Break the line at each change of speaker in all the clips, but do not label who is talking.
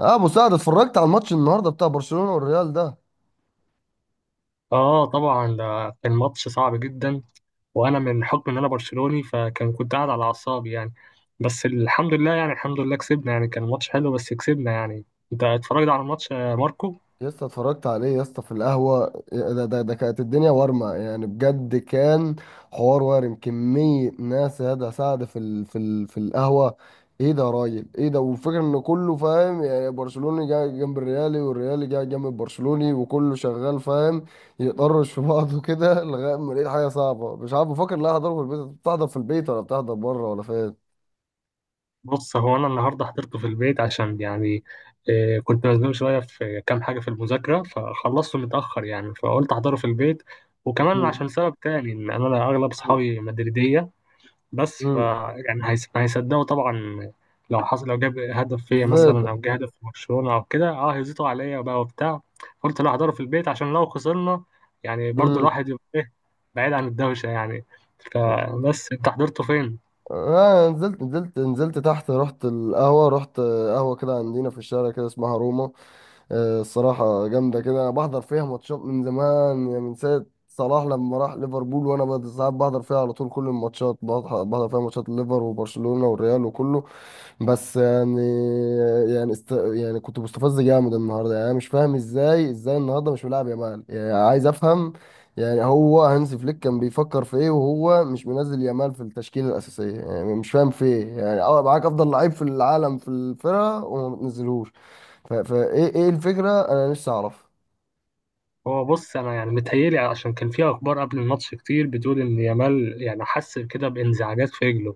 اه مساعد، اتفرجت على الماتش النهارده بتاع برشلونة والريال ده؟
اه، طبعا ده كان ماتش صعب جدا. وانا من حكم ان انا برشلوني، كنت قاعد على اعصابي يعني. بس الحمد لله، يعني الحمد لله كسبنا يعني. كان ماتش حلو بس كسبنا يعني. انت اتفرجت على الماتش يا ماركو؟
يا اسطى، اتفرجت عليه يا اسطى في القهوة، إيه، ده كانت الدنيا وارمة يعني، بجد كان حوار وارم، كمية ناس يا ده سعد في ال في ال في القهوة. ايه ده يا راجل، ايه ده، والفكرة ان كله فاهم يعني، برشلوني جاي جنب الريالي، والريالي جاي جنب البرشلوني، وكله شغال فاهم، يطرش في بعضه كده لغاية ما لقيت حاجة صعبة، مش عارف بفكر، لا هحضره في البيت، بتحضر في البيت ولا بتحضر بره ولا فين.
بص، هو انا النهارده حضرته في البيت عشان يعني كنت مزنوق شويه في كام حاجه في المذاكره، فخلصته متاخر يعني، فقلت احضره في البيت. وكمان
مم.
عشان سبب تاني، ان انا اغلب
امم.
اصحابي مدريديه. بس ف،
مم.
يعني هيصدقوا طبعا. لو حصل، لو جاب هدف فيا مثلا، او
بالظبط.
جاب هدف في برشلونه او كده، هيزيطوا عليا بقى وبتاع. قلت لا، هحضره في البيت عشان لو خسرنا يعني، برضو
امم.
الواحد يبقى ايه، بعيد عن الدوشه يعني. فبس انت حضرته فين؟
آه، نزلت تحت، رحت القهوة، رحت قهوة كده عندنا في الشارع كده اسمها روما. آه الصراحة جامدة كده، أنا بحضر فيها ماتشات من زمان يعني، من ساعة صلاح لما راح ليفربول، وأنا بقى ساعات بحضر فيها على طول كل الماتشات، بحضر فيها ماتشات الليفر وبرشلونة والريال وكله. بس يعني، يعني كنت مستفز جامد النهارده يعني، انا مش فاهم ازاي، ازاي النهارده مش ملاعب يامال يعني، عايز افهم. يعني هو هانز فليك كان بيفكر في ايه وهو مش منزل يامال في التشكيله الاساسيه؟ يعني مش فاهم في ايه يعني، اه معاك افضل لعيب في العالم في الفرقه وما بتنزلهوش. ف... فايه ايه إيه الفكره، انا نفسي اعرف.
هو بص انا يعني متهيألي، عشان كان في اخبار قبل الماتش كتير بتقول ان يامال يعني حس كده بانزعاجات في رجله،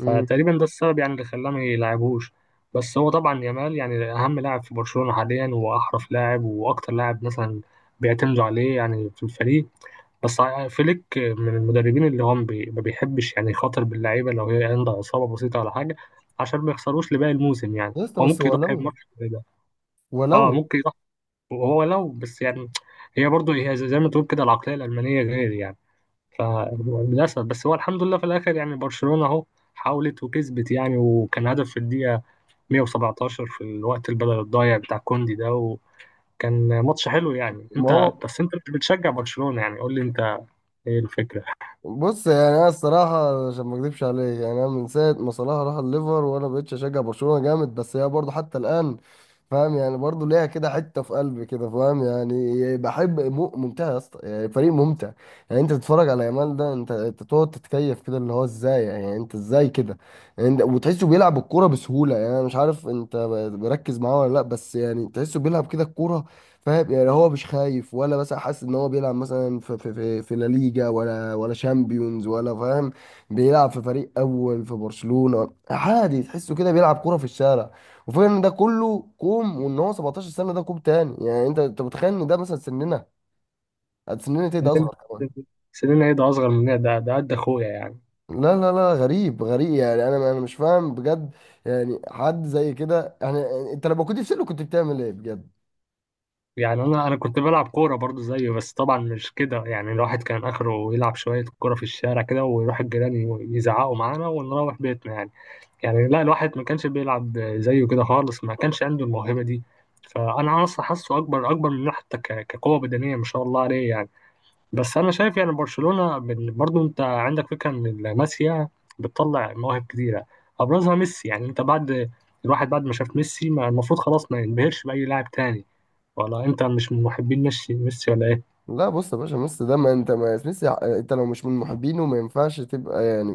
امم.
ده السبب يعني اللي خلاه ما يلعبوش. بس هو طبعا يامال يعني اهم لاعب في برشلونة حاليا، واحرف لاعب، واكتر لاعب مثلا بيعتمدوا عليه يعني في الفريق. بس فليك من المدربين اللي هم ما بيحبش يعني يخاطر باللعيبه لو هي عندها اصابه بسيطه ولا حاجه، عشان ما يخسروش لباقي الموسم يعني.
يا اسطى،
هو
بس
ممكن يضحي
ولو
بماتش زي ده، اه
ولو
ممكن يضحي. هو لو بس يعني، هي برضه هي زي ما تقول كده، العقليه الالمانيه غير يعني. فللأسف بس، هو الحمد لله في الآخر يعني برشلونة أهو حاولت وكسبت يعني، وكان هدف في الدقيقة 117 في الوقت البدل الضايع بتاع كوندي ده. وكان ماتش حلو يعني.
ما
أنت
هو،
بس، أنت مش بتشجع برشلونة يعني، قول لي أنت إيه الفكرة؟
بص يعني انا الصراحه عشان ما اكذبش عليك يعني، انا من ساعه ما صلاح راح الليفر، وانا بقيتش اشجع برشلونه جامد، بس هي برضه حتى الان فاهم يعني، برضه ليها كده حته في قلبي كده فاهم يعني، بحب ممتع يا اسطى يعني، فريق ممتع يعني. انت تتفرج على يامال ده، انت تقعد تتكيف كده اللي هو ازاي يعني، انت ازاي كده يعني، وتحسه بيلعب الكوره بسهوله يعني، انا مش عارف انت بركز معاه ولا لا، بس يعني تحسه بيلعب كده الكوره فاهم يعني، هو مش خايف ولا مثلا حاسس ان هو بيلعب مثلا في لا ليجا، ولا، ولا شامبيونز ولا فاهم، بيلعب في فريق اول في برشلونة عادي، تحسه كده بيلعب كرة في الشارع. وفكرة ان ده كله كوم وان هو 17 سنة ده كوم تاني، يعني انت متخيل ان ده مثلا سننا، قد سننا تيجي اصغر كمان.
سنين ايه ده، اصغر مني، ده قد اخويا يعني.
لا لا لا، غريب غريب يعني، انا مش فاهم بجد يعني، حد زي كده يعني. انت لما كنت في سنه كنت بتعمل ايه بجد؟
يعني انا كنت بلعب كوره برضو زيه، بس طبعا مش كده يعني. الواحد كان اخره يلعب شويه كوره في الشارع كده، ويروح الجيران يزعقوا معانا ونروح بيتنا يعني. يعني لا، الواحد ما كانش بيلعب زيه كده خالص، ما كانش عنده الموهبة دي. فأنا أصلا حاسه أكبر، أكبر منه حتى كقوة بدنية، ما شاء الله عليه يعني. بس أنا شايف يعني برشلونة برضو أنت عندك فكرة إن لاماسيا بتطلع مواهب كتيرة، أبرزها ميسي. يعني أنت بعد، الواحد بعد ما شاف ميسي، ما المفروض خلاص ما ينبهرش بأي لاعب تاني. ولا أنت مش من محبين ميسي ولا إيه؟
لا بص يا باشا، ميسي ده، ما انت، ما ميسي انت لو مش من محبينه ما ينفعش تبقى يعني،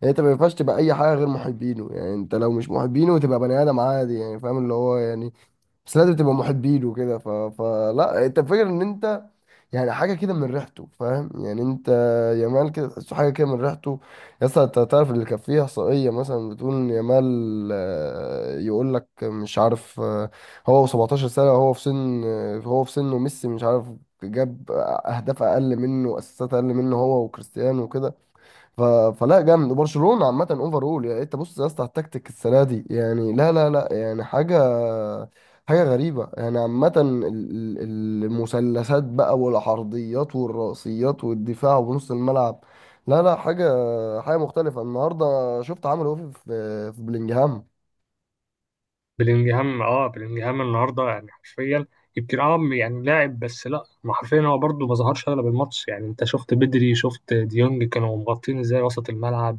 يعني انت ما ينفعش تبقى اي حاجه غير محبينه يعني، انت لو مش محبينه تبقى بني ادم عادي يعني فاهم اللي هو يعني، بس لازم تبقى محبينه كده. فلا انت فاكر ان انت يعني حاجه كده من ريحته فاهم يعني انت، يامال كده تحسه حاجه كده من ريحته. يا اسطى، انت تعرف اللي كان فيه احصائيه مثلا بتقول إن يامال، يقول لك مش عارف آه، هو و17 سنه، هو في سنه ميسي مش عارف، جاب اهداف اقل منه واسيستات اقل منه هو وكريستيانو وكده. ف... فلا جامد، وبرشلونه عامه اوفرول يعني، انت بص يا اسطى على التكتيك السنه دي، يعني لا لا لا يعني، حاجه غريبه يعني، عامه المثلثات بقى والعرضيات والرأسيات والدفاع ونص الملعب، لا لا، حاجه مختلفه النهارده، شفت عمل ايه في بلينجهام.
بلينجهام، بلينجهام النهارده يعني حرفيا، يمكن يعني لاعب، بس لا، ما حرفيا، هو برده ما ظهرش اغلب الماتش يعني. انت شفت بدري، شفت ديونج كانوا مغطين ازاي وسط الملعب.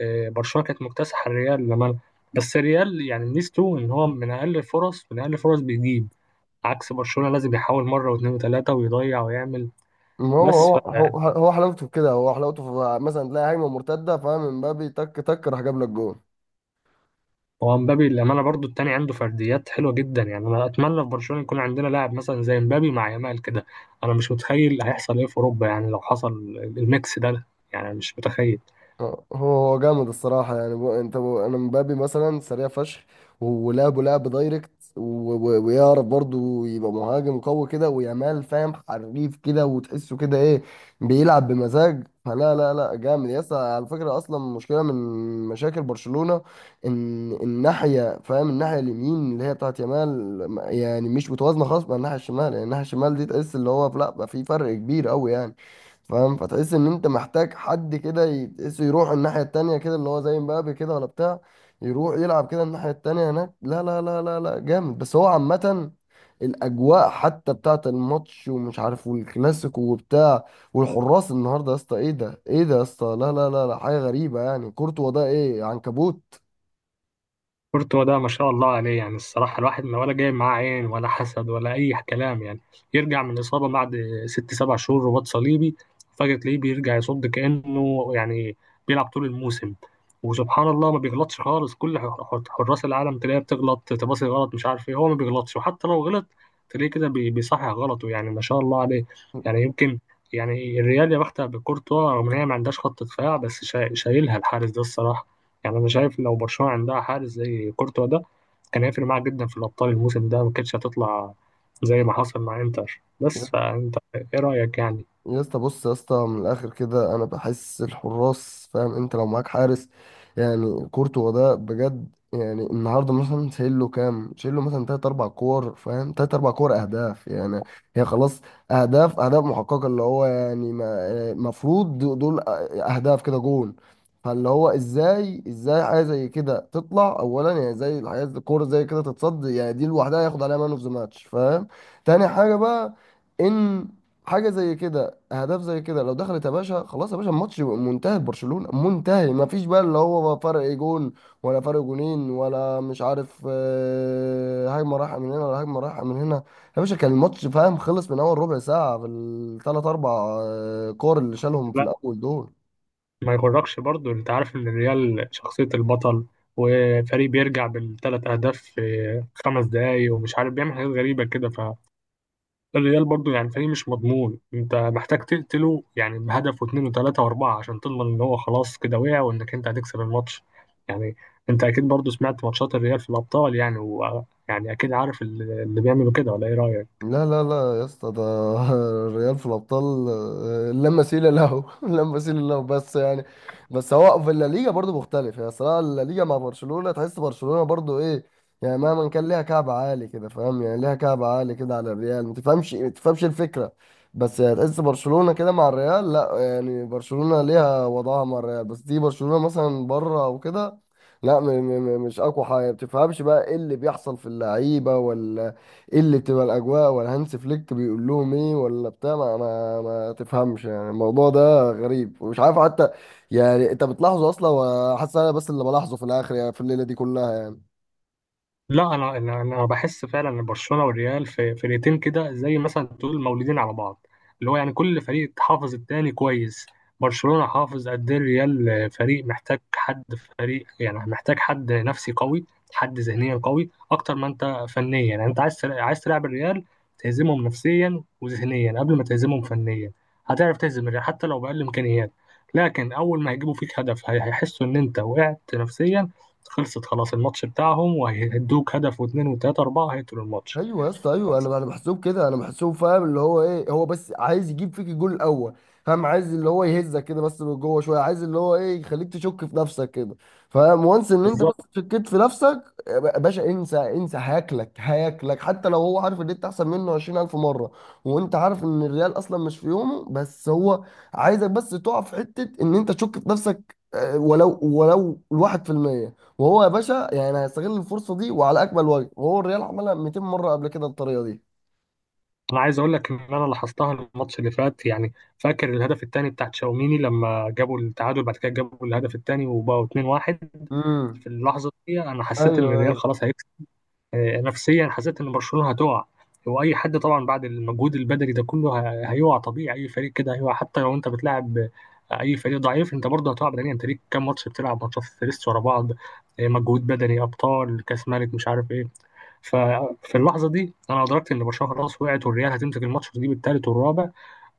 برشلونه كانت مكتسحه الريال لما، بس الريال يعني ميزته ان هو من اقل الفرص، من اقل الفرص بيجيب. عكس برشلونه، لازم يحاول مره واثنين وثلاثه ويضيع ويعمل.
هو
بس
هو هو هو حلاوته في كده، هو حلاوته في مثلا تلاقي هجمه مرتده فاهم، مبابي تك تك راح جاب لك جون.
هو مبابي للأمانة برضو التاني عنده فرديات حلوة جدا يعني. أنا أتمنى في برشلونة يكون عندنا لاعب مثلا زي مبابي مع يامال كده. أنا مش متخيل هيحصل إيه في أوروبا يعني لو حصل الميكس ده، يعني مش متخيل.
اه، هو جامد الصراحة يعني، بو انت بو انا، مبابي مثلا سريع فشخ، ولعبه لعب دايركت، ويعرف برضه يبقى مهاجم قوي كده، ويامال فاهم حريف كده، وتحسه كده ايه، بيلعب بمزاج. فلا لا لا جامد، يس على فكرة اصلا مشكلة من مشاكل برشلونة، ان الناحية فاهم الناحية اليمين اللي هي بتاعت يامال يعني، مش متوازنة خالص مع الناحية الشمال يعني، الناحية الشمال دي تحس اللي هو لا، بقى في فرق كبير قوي يعني فاهم، فتحس ان انت محتاج حد كده تحسه يروح الناحية التانية كده اللي هو زي مبابي كده ولا بتاع، يروح يلعب كده الناحية التانية هناك، لا لا لا لا لا جامد. بس هو عامة الأجواء حتى بتاعة الماتش ومش عارف، والكلاسيكو وبتاع، والحراس النهاردة يا اسطى ايه ده، ايه ده يا اسطى، لا لا لا لا حاجة غريبة يعني، كورتوا ده ايه عنكبوت؟
كورتوا ده ما شاء الله عليه يعني. الصراحة الواحد ما ولا جاي معاه عين ولا حسد ولا أي كلام يعني. يرجع من إصابة بعد 6 7 شهور، رباط صليبي، فجأة تلاقيه بيرجع يصد كأنه يعني بيلعب طول الموسم. وسبحان الله ما بيغلطش خالص. كل حراس العالم تلاقيه بتغلط، تباصي غلط، مش عارف إيه. هو ما بيغلطش، وحتى لو غلط تلاقيه كده بيصحح غلطه يعني. ما شاء الله عليه يعني. يمكن يعني الريال يا بختها بكورتوا، رغم إن هي ما عندهاش خط دفاع، بس شايلها الحارس ده الصراحة. يعني انا شايف لو برشلونه عندها حارس زي كورتوا ده، كان هيفرق معاها جدا في الابطال. الموسم ده ما كانتش هتطلع زي ما حصل مع انتر. بس فانت ايه رايك يعني؟
يا اسطى، بص يا اسطى، من الاخر كده انا بحس الحراس فاهم، انت لو معاك حارس يعني كورتوا ده بجد يعني، النهارده مثلا شايل له كام، شايل له مثلا تلات اربع كور فاهم، تلات اربع كور اهداف يعني، هي خلاص اهداف، اهداف محققه اللي هو يعني مفروض دول اهداف كده جون. فاللي هو ازاي، ازاي حاجه زي كده تطلع اولا يعني، زي الحاجات الكوره زي كده تتصد يعني، دي لوحدها ياخد عليها مان اوف ذا ماتش فاهم. تاني حاجه بقى، ان حاجه زي كده، اهداف زي كده لو دخلت يا باشا خلاص يا باشا، الماتش يبقى منتهي، برشلونة منتهي، ما فيش بقى اللي هو فرق جون ولا فرق جونين ولا مش عارف، هجمة رايحة من هنا ولا هجمة رايحة من هنا. يا باشا كان الماتش فاهم خلص من اول ربع ساعة في الثلاث اربع كور اللي شالهم في
لا،
الاول دول.
ما يغركش برضو، انت عارف ان الريال شخصيه البطل، وفريق بيرجع بالثلاث اهداف في 5 دقايق ومش عارف بيعمل حاجات غريبه كده. الريال برضو يعني فريق مش مضمون، انت محتاج تقتله يعني بهدف واثنين وثلاثة واربعة، عشان تضمن ان هو خلاص كده وقع، وانك انت هتكسب الماتش يعني. انت اكيد برضو سمعت ماتشات الريال في الابطال يعني، ويعني اكيد عارف اللي بيعملوا كده، ولا ايه رأيك؟
لا لا لا يا اسطى، ده الريال في الابطال لا مثيل له لا مثيل له، بس يعني، بس هو في الليجا برضو مختلف يعني، صراحه الليجا مع برشلونه، تحس برشلونه برضو ايه يعني، مهما كان ليها كعب عالي كده فاهم يعني، ليها كعب عالي كده على الريال، ما تفهمش ما تفهمش الفكره، بس يعني تحس برشلونه كده مع الريال، لا يعني برشلونه ليها وضعها مع الريال، بس دي برشلونه مثلا بره او كده، لا مش اقوى حاجه، ما بتفهمش بقى ايه اللي بيحصل في اللعيبه ولا، ايه اللي تبقى الاجواء ولا هانس فليك بيقول لهم ايه ولا بتاع، ما تفهمش يعني الموضوع ده غريب ومش عارف حتى يعني، انت بتلاحظه اصلا وحاسس، انا بس اللي بلاحظه في الاخر يعني، في الليله دي كلها يعني.
لا، انا انا أنا بحس فعلا ان برشلونه والريال في فرقتين كده، زي مثلا تقول مولودين على بعض. اللي هو يعني كل فريق حافظ التاني كويس، برشلونه حافظ قد ايه. الريال فريق محتاج حد، فريق يعني محتاج حد نفسي قوي، حد ذهنيا قوي اكتر ما انت فنيا. يعني انت عايز عايز تلعب الريال، تهزمهم نفسيا وذهنيا قبل ما تهزمهم فنيا. هتعرف تهزم الريال حتى لو باقل امكانيات، لكن اول ما هيجيبوا فيك هدف هيحسوا ان انت وقعت نفسيا، خلصت خلاص الماتش بتاعهم، وهيدوك هدف واثنين وثلاثة أربعة، هيقتلوا الماتش.
ايوه يا اسطى ايوه،
بس
انا بحسوب كده، انا بحسوب فاهم، اللي هو ايه، هو بس عايز يجيب فيك الجول الاول فاهم، عايز اللي هو يهزك كده بس من جوه شويه، عايز اللي هو ايه يخليك تشك في نفسك كده فاهم، وانس ان انت بس
بالظبط،
شكيت في نفسك يا باشا، انسى انسى، هياكلك هياكلك، حتى لو هو عارف ان انت احسن منه 20,000 مره. وانت عارف ان الريال اصلا مش في يومه، بس هو عايزك بس تقع في حته ان انت تشك في نفسك، ولو الواحد في المية، وهو يا باشا يعني هيستغل الفرصه دي وعلى اكمل وجه، وهو الريال عملها 200 مره قبل كده الطريقه دي.
أنا عايز أقول لك إن أنا لاحظتها الماتش اللي فات. يعني فاكر الهدف الثاني بتاع تشاوميني، لما جابوا التعادل بعد كده جابوا الهدف الثاني وبقوا 2-1،
امم.
في اللحظة دي أنا حسيت إن
ايوه
الريال
ايوه
خلاص، نفسيا حسيت ان برشلونه هتقع. واي حد طبعا بعد المجهود البدني ده كله هيقع، طبيعي اي فريق كده هيقع، حتى لو انت بتلعب اي فريق ضعيف، انت برضه هتقع بدنيا. انت ليك كام ماتش بتلعب ماتشات فيرست ورا بعض، مجهود بدني، ابطال، كاس ملك، مش عارف ايه. ففي اللحظه دي انا ادركت ان برشلونه خلاص وقعت، والريال هتمسك الماتش دي بالثالث والرابع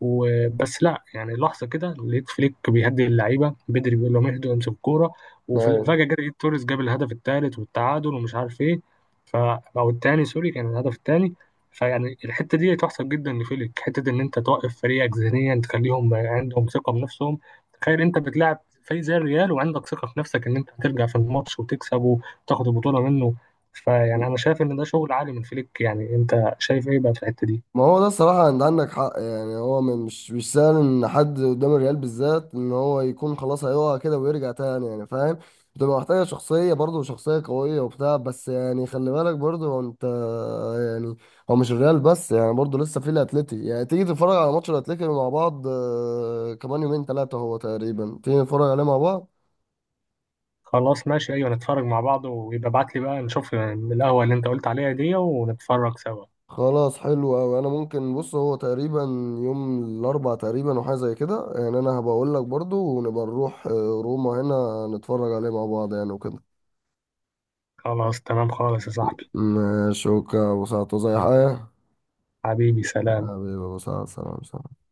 وبس. لا، يعني لحظه كده لقيت فليك بيهدي اللعيبه بدري، بيقول لهم اهدوا امسكوا الكوره،
ايوه.
وفجاه جت لقيت توريس جاب الهدف الثالث والتعادل ومش عارف ايه. ف، او الثاني سوري، كان الهدف الثاني. فيعني الحته دي تحسب جدا لفليك، حته ان انت توقف فريقك ذهنيا، تخليهم عندهم ثقه بنفسهم. تخيل انت بتلعب فريق زي الريال وعندك ثقه في نفسك ان انت هترجع في الماتش وتكسب وتاخد البطوله منه. فيعني انا شايف ان ده شغل عالي من فليك. يعني انت شايف ايه بقى في الحته دي؟
ما هو ده الصراحه انت عندك حق يعني، هو مش سهل ان حد قدام الريال بالذات ان هو يكون خلاص هيقع كده ويرجع تاني يعني فاهم، بتبقى محتاجه شخصيه برضه، شخصيه قويه وبتاع، بس يعني خلي بالك برضه هو انت يعني، هو مش الريال بس يعني، برضه لسه في الاتليتي يعني، تيجي تتفرج على ماتش الاتليتي مع بعض، كمان يومين ثلاثه هو تقريبا، تيجي نتفرج عليه مع بعض.
خلاص ماشي، ايوه نتفرج مع بعض، ويبقى ابعت لي بقى نشوف القهوه اللي انت قلت عليها دي ونتفرج سوا.
خلاص حلو أوي، أنا ممكن بص هو تقريبا يوم الأربع تقريبا وحاجة زي كده يعني، أنا هبقول لك برضو ونبقى نروح روما هنا، نتفرج عليه مع بعض يعني وكده.
خلاص تمام خالص يا صاحبي.
ماشي أوكي يا أبو سعد زي حاجة.
حبيبي، سلام.
حبيبي يا أبو سعد، سلام سلام.